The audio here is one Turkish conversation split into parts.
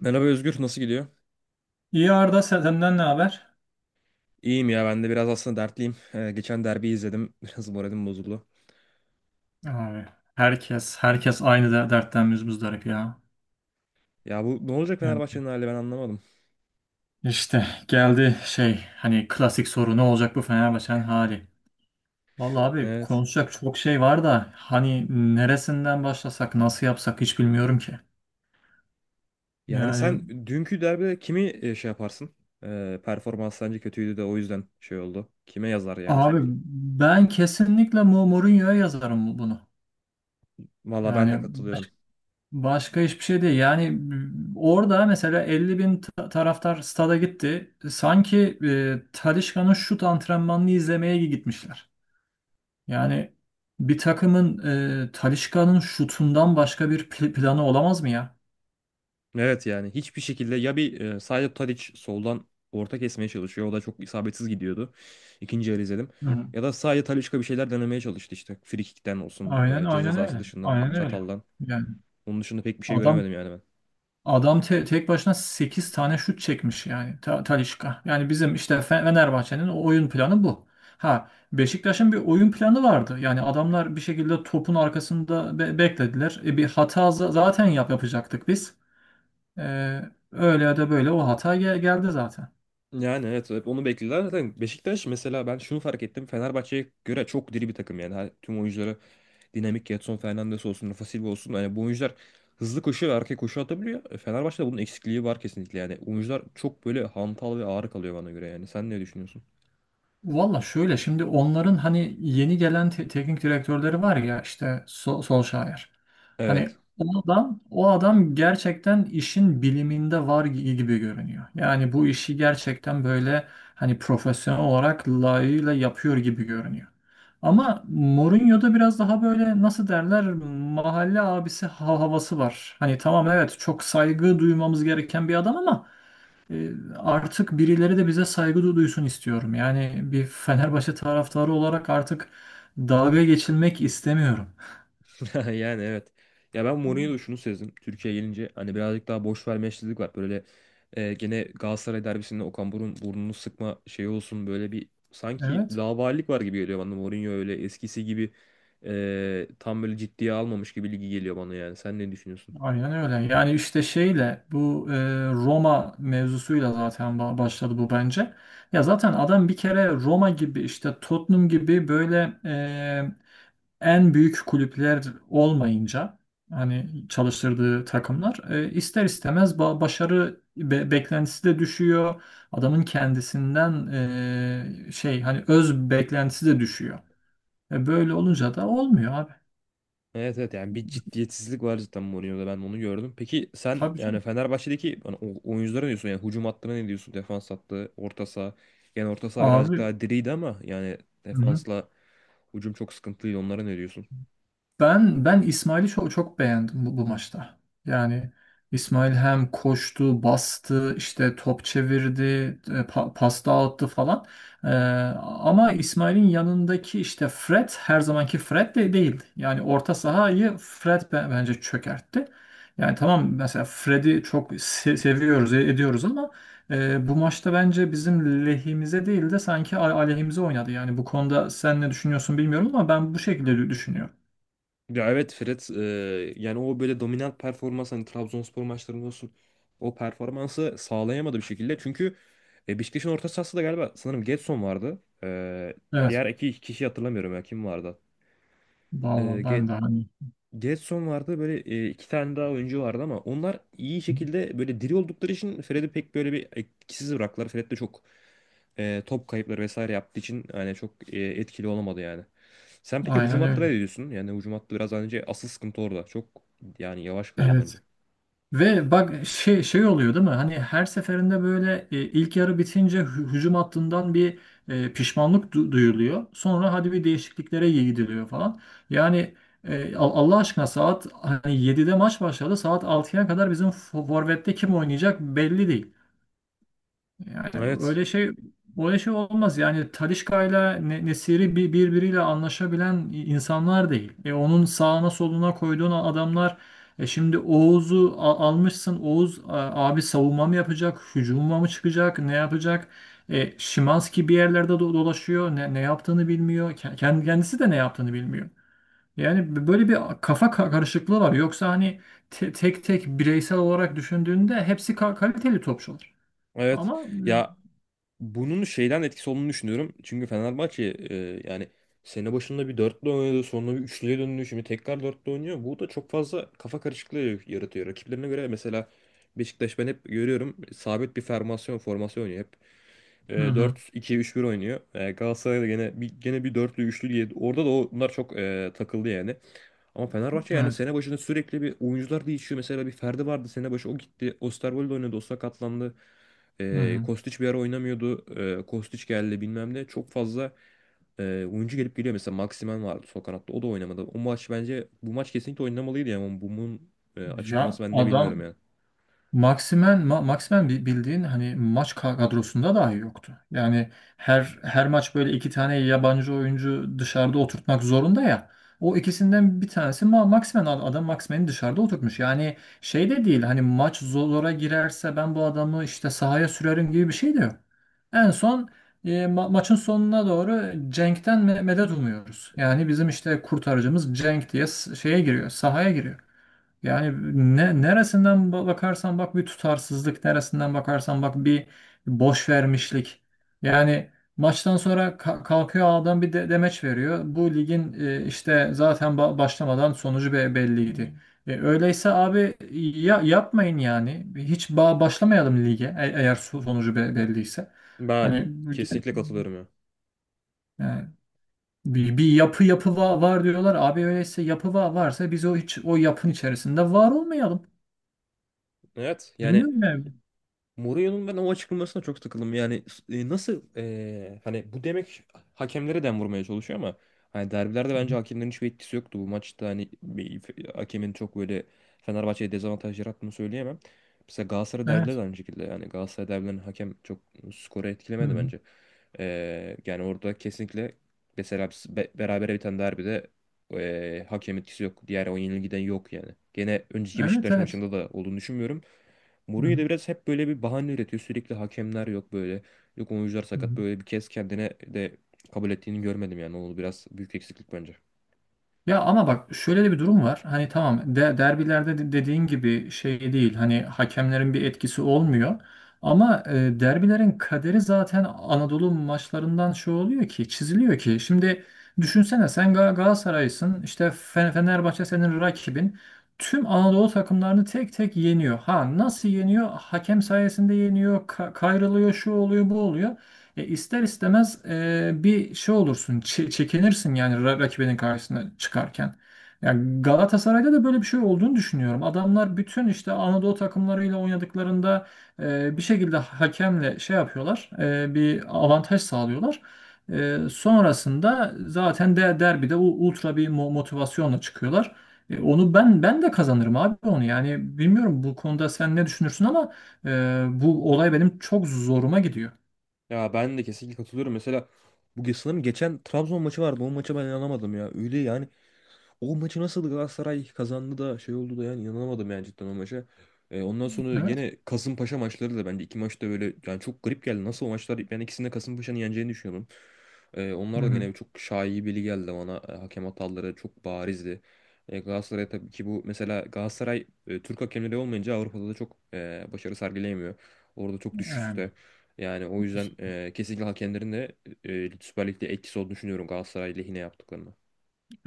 Merhaba Özgür, nasıl gidiyor? İyi Arda, senden ne haber? İyiyim ya, ben de biraz aslında dertliyim. Geçen derbiyi izledim, biraz moralim bozuldu. Abi, herkes aynı, dertten müzdarip ya. Ya bu ne olacak Yani Fenerbahçe'nin hali ben anlamadım. işte geldi şey, hani klasik soru: ne olacak bu Fenerbahçe'nin hali? Vallahi abi, Evet. konuşacak çok şey var da hani neresinden başlasak, nasıl yapsak hiç bilmiyorum ki. Yani Yani sen dünkü derbide kimi şey yaparsın? Performans sence kötüydü de o yüzden şey oldu. Kime yazar yani abi, sence? ben kesinlikle Mourinho'ya yazarım bunu. Valla ben de Yani, katılıyorum. başka hiçbir şey değil. Yani orada mesela 50 bin taraftar stada gitti. Sanki Talisca'nın şut antrenmanını izlemeye gitmişler. Yani bir takımın, Talisca'nın şutundan başka bir planı olamaz mı ya? Evet yani hiçbir şekilde ya bir Saido Tadic soldan orta kesmeye çalışıyor. O da çok isabetsiz gidiyordu. İkinci yarı izledim. Hı. Ya da sadece Talisca bir şeyler denemeye çalıştı işte. Frikikten olsun, Aynen ceza aynen sahası öyle. dışından, Aynen öyle. çataldan. Yani Onun dışında pek bir şey adam göremedim yani ben. Adam tek başına 8 tane şut çekmiş yani Talisca. Yani bizim işte Fenerbahçe'nin o oyun planı bu. Ha, Beşiktaş'ın bir oyun planı vardı. Yani adamlar bir şekilde topun arkasında beklediler. Bir hata zaten yapacaktık biz. E, Öyle ya da böyle o hata geldi zaten. Yani evet hep onu bekliyorlar. Zaten Beşiktaş mesela ben şunu fark ettim. Fenerbahçe'ye göre çok diri bir takım yani. Tüm oyuncuları dinamik Gedson Fernandes olsun, Rafa Silva olsun. Yani bu oyuncular hızlı koşuyor ve arkaya koşu atabiliyor. Fenerbahçe'de bunun eksikliği var kesinlikle yani. Oyuncular çok böyle hantal ve ağır kalıyor bana göre yani. Sen ne düşünüyorsun? Valla, şöyle şimdi onların hani yeni gelen teknik direktörleri var ya, işte Solskjaer. Hani Evet. o adam gerçekten işin biliminde var gibi görünüyor. Yani bu işi gerçekten böyle hani profesyonel olarak layığıyla yapıyor gibi görünüyor. Ama Mourinho'da biraz daha böyle, nasıl derler, mahalle abisi havası var. Hani tamam, evet, çok saygı duymamız gereken bir adam, ama e, artık birileri de bize saygı duysun istiyorum. Yani bir Fenerbahçe taraftarı olarak artık dalga geçilmek istemiyorum. Yani evet. Ya ben Mourinho'da şunu sezdim. Türkiye'ye gelince hani birazcık daha boş vermeçlilik var. Böyle gene Galatasaray derbisinde Okan Burun burnunu sıkma şeyi olsun böyle bir sanki Evet, laubalilik var gibi geliyor bana. Mourinho öyle eskisi gibi tam böyle ciddiye almamış gibi ligi geliyor bana yani. Sen ne düşünüyorsun? aynen öyle. Yani işte şeyle bu Roma mevzusuyla zaten başladı bu bence. Ya zaten adam bir kere Roma gibi, işte Tottenham gibi, böyle en büyük kulüpler olmayınca hani çalıştırdığı takımlar ister istemez başarı beklentisi de düşüyor. Adamın kendisinden şey hani öz beklentisi de düşüyor. Böyle olunca da olmuyor abi. Evet evet yani bir ciddiyetsizlik var zaten Mourinho'da ben onu gördüm. Peki sen Tabii yani canım. Fenerbahçe'deki hani oyunculara ne diyorsun? Yani hücum hattına ne diyorsun? Defans hattı, orta saha. Yani orta saha birazcık Abi, daha diriydi ama yani hı hı. defansla hücum çok sıkıntılıydı. Onlara ne diyorsun? Ben İsmail'i çok, çok beğendim bu maçta. Yani İsmail hem koştu, bastı, işte top çevirdi, pas dağıttı falan. Ee, ama İsmail'in yanındaki işte Fred her zamanki Fred de değildi. Yani orta sahayı Fred bence çökertti. Yani tamam, mesela Fred'i çok seviyoruz, ediyoruz, ama bu maçta bence bizim lehimize değil de sanki aleyhimize oynadı. Yani bu konuda sen ne düşünüyorsun bilmiyorum, ama ben bu şekilde düşünüyorum. Ya evet Fred yani o böyle dominant performans hani Trabzonspor maçlarında olsun o performansı sağlayamadı bir şekilde. Çünkü Beşiktaş'ın orta sahası da galiba sanırım Gedson vardı. E, Evet. diğer iki kişi hatırlamıyorum ya kim vardı. Vallahi, ben de hani Gedson vardı böyle iki tane daha oyuncu vardı ama onlar iyi şekilde böyle diri oldukları için Fred'i pek böyle bir etkisiz bıraktılar. Fred de çok top kayıpları vesaire yaptığı için yani çok etkili olamadı yani. Sen peki hücum aynen hattına öyle. ne diyorsun? Yani hücum hattı biraz önce asıl sıkıntı orada. Çok yani yavaş kalıyor bence. Evet. Ve bak, şey oluyor değil mi? Hani her seferinde böyle ilk yarı bitince hücum hattından bir pişmanlık duyuluyor. Sonra hadi bir değişikliklere gidiliyor falan. Yani Allah aşkına, saat hani 7'de maç başladı. Saat altıya kadar bizim forvette kim oynayacak belli değil. Yani Evet. öyle şey olmaz. Yani Talişka'yla Nesiri birbiriyle anlaşabilen insanlar değil. Onun sağına soluna koyduğun adamlar, şimdi Oğuz'u almışsın. Oğuz, abi, savunma mı yapacak? Hücuma mı çıkacak? Ne yapacak? Şimanski bir yerlerde dolaşıyor. Ne yaptığını bilmiyor. Kendisi de ne yaptığını bilmiyor. Yani böyle bir kafa karışıklığı var. Yoksa hani tek tek bireysel olarak düşündüğünde hepsi kaliteli topçular. Evet. Ama. Ya bunun şeyden etkisi olduğunu düşünüyorum. Çünkü Fenerbahçe e, yani sene başında bir dörtlü oynadı, sonra bir üçlüye döndü, şimdi tekrar dörtlü oynuyor. Bu da çok fazla kafa karışıklığı yaratıyor. Rakiplerine göre mesela Beşiktaş ben hep görüyorum sabit bir formasyon formasyon oynuyor hep. Hı hı. 4-2-3-1 oynuyor. Galatasaray da gene bir dörtlü üçlü diye orada da onlar çok takıldı yani. Ama Fenerbahçe yani Evet. sene başında sürekli bir oyuncular değişiyor. Mesela bir Ferdi vardı sene başı o gitti. Osterwolde oynadı. O sakatlandı. E, Hı hı. Kostić bir ara oynamıyordu. Kostić geldi bilmem ne. Çok fazla e, oyuncu gelip geliyor. Mesela Maximen vardı sol kanatta. O da oynamadı. O maç bence bu maç kesinlikle oynamalıydı yani. Ama bunun Ya açıklaması ben ne bilmiyorum adam yani. Maximen, Ma- Maximen bi- bildiğin hani maç ka- kadrosunda dahi yoktu. Yani her her maç böyle iki tane yabancı oyuncu dışarıda oturtmak zorunda ya. O ikisinden bir tanesi Ma Maximen Ad- adam Maximen'i dışarıda oturtmuş. Yani şey de değil hani maç zor- zora girerse ben bu adamı işte sahaya sürerim gibi bir şey de yok. En son e, ma- maçın sonuna doğru Cenk'ten me- medet umuyoruz. Yani bizim işte kurtarıcımız Cenk diye s- şeye giriyor, sahaya giriyor. Yani ne, neresinden ba- bakarsan bak bir tutarsızlık, neresinden bakarsan bak bir boş vermişlik. Yani maçtan sonra ka- kalkıyor adam bir de demeç veriyor. Bu ligin e, işte zaten ba- başlamadan sonucu be- belliydi. E, öyleyse abi ya yapmayın yani. Hiç ba- başlamayalım lige e- eğer so- sonucu be- belliyse. Ben Hani kesinlikle katılıyorum ya. yani bir, bir yapı yapı va- var diyorlar. Abi öyleyse yapı va- varsa biz o hiç o yapın içerisinde var olmayalım. Evet yani Bilmiyorum yani. Mourinho'nun ben o açıklamasına çok takıldım. Yani nasıl hani bu demek hakemlere dem vurmaya çalışıyor ama hani derbilerde Hı bence hı. hakemlerin hiçbir etkisi yoktu. Bu maçta hani hakemin çok böyle Fenerbahçe'ye dezavantaj yarattığını söyleyemem. Mesela Galatasaray derbileri de Evet. aynı şekilde. Yani Galatasaray derbilerinin hakem çok skoru Hı etkilemedi hı. bence. Yani orada kesinlikle mesela biz berabere biten derbide hakem etkisi yok. Diğer o yenilgiden yok yani. Gene önceki Evet, Beşiktaş evet. maçında da olduğunu düşünmüyorum. Hı Mourinho da hı. biraz hep böyle bir bahane üretiyor. Sürekli hakemler yok böyle. Yok oyuncular Hı sakat. hı. Böyle bir kez kendine de kabul ettiğini görmedim yani. O biraz büyük eksiklik bence. Ya ama bak, şöyle de bir durum var. Hani tamam, derbilerde de dediğin gibi şey değil. Hani hakemlerin bir etkisi olmuyor. Ama derbilerin kaderi zaten Anadolu maçlarından şey oluyor ki, çiziliyor ki. Şimdi düşünsene, sen Galatasaray'sın. İşte Fenerbahçe senin rakibin. Tüm Anadolu takımlarını tek tek yeniyor. Ha, nasıl yeniyor? Hakem sayesinde yeniyor, kayrılıyor, şu oluyor, bu oluyor. E, ister istemez, bir şey olursun, çekinirsin yani rakibinin karşısına çıkarken. Yani Galatasaray'da da böyle bir şey olduğunu düşünüyorum. Adamlar bütün işte Anadolu takımlarıyla oynadıklarında bir şekilde hakemle şey yapıyorlar, bir avantaj sağlıyorlar. Sonrasında zaten de derbide ultra bir motivasyonla çıkıyorlar. Onu ben de kazanırım abi, onu. Yani bilmiyorum bu konuda sen ne düşünürsün, ama e, bu olay benim çok zoruma gidiyor. Ya ben de kesinlikle katılıyorum. Mesela bu sanırım geçen Trabzon maçı vardı. O maça ben inanamadım ya. Öyle yani. O maçı nasıl Galatasaray kazandı da şey oldu da yani inanamadım yani cidden o maça. Ondan sonra Evet. yine Kasımpaşa maçları da bence iki maçta böyle yani çok garip geldi. Nasıl o maçlar ben ikisinde Kasımpaşa'nın yeneceğini düşünüyordum. Ee, Hı onlar da hı. gene çok şaibeli geldi bana. Hakem hataları çok barizdi. Galatasaray tabii ki bu mesela Galatasaray Türk hakemleri olmayınca Avrupa'da da çok başarı sergileyemiyor. Orada çok Yani düşüşte. Yani o yüzden işte- kesinlikle hakemlerin de Süper Lig'de etkisi olduğunu düşünüyorum Galatasaray lehine yaptıklarını.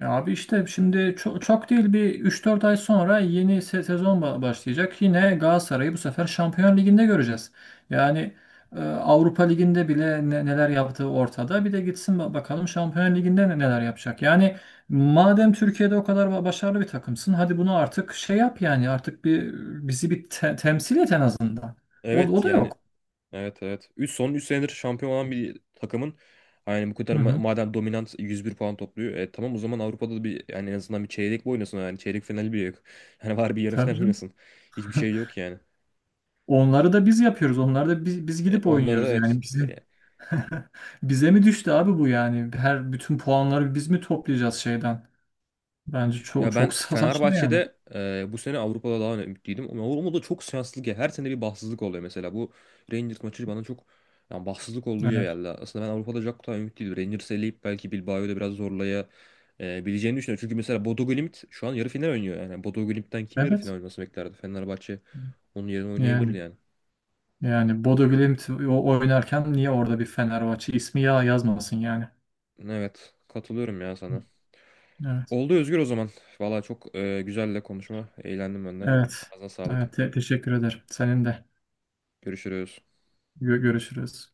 abi, işte şimdi çok çok değil bir üç dört ay sonra yeni sezon başlayacak. Yine Galatasaray'ı bu sefer Şampiyon Ligi'nde göreceğiz. Yani Avrupa Ligi'nde bile neler yaptığı ortada. Bir de gitsin bakalım Şampiyon Ligi'nde neler yapacak. Yani madem Türkiye'de o kadar başarılı bir takımsın, hadi bunu artık şey yap yani, artık bir bizi bir temsil et en azından. O Evet da yani. yok. Evet evet. 3 son 3 senedir şampiyon olan bir takımın yani bu kadar Hı hı. madem dominant 101 puan topluyor. Tamam o zaman Avrupa'da da bir yani en azından bir çeyrek bir oynasın yani çeyrek finali bile yok. Yani var bir yarı Tabii final canım. oynasın. Hiçbir şey yok yani. Onları da biz yapıyoruz. Onları da biz E, gidip onlara da oynuyoruz evet. yani, bizi. Bize mi düştü abi bu yani? Bütün puanları biz mi toplayacağız şeyden? Bence çok Ya çok ben saçma yani. Fenerbahçe'de bu sene Avrupa'da daha ümitliydim. Ama Avrupa'da çok şanssızlık ya. Her sene bir bahtsızlık oluyor mesela. Bu Rangers maçı bana çok yani bahtsızlık olduğu gibi Evet. geldi. Aslında ben Avrupa'da çok daha ümitliydim. Rangers'ı eleyip belki Bilbao'yu da biraz zorlaya bileceğini düşünüyorum. Çünkü mesela Bodo Glimt şu an yarı final oynuyor. Yani Bodo Glimt'ten kim yarı final Evet. oynaması beklerdi? Fenerbahçe onun yerine oynayabilirdi Yani yani. yani Bodo Glimt oynarken niye orada bir Fenerbahçe ismi ya yazmasın yani? Evet katılıyorum ya sana. Evet. Oldu Özgür o zaman. Valla çok güzel de konuşma. Eğlendim ben de. Evet. Ağzına sağlık. Evet. Teşekkür ederim. Senin de. Görüşürüz. Görüşürüz.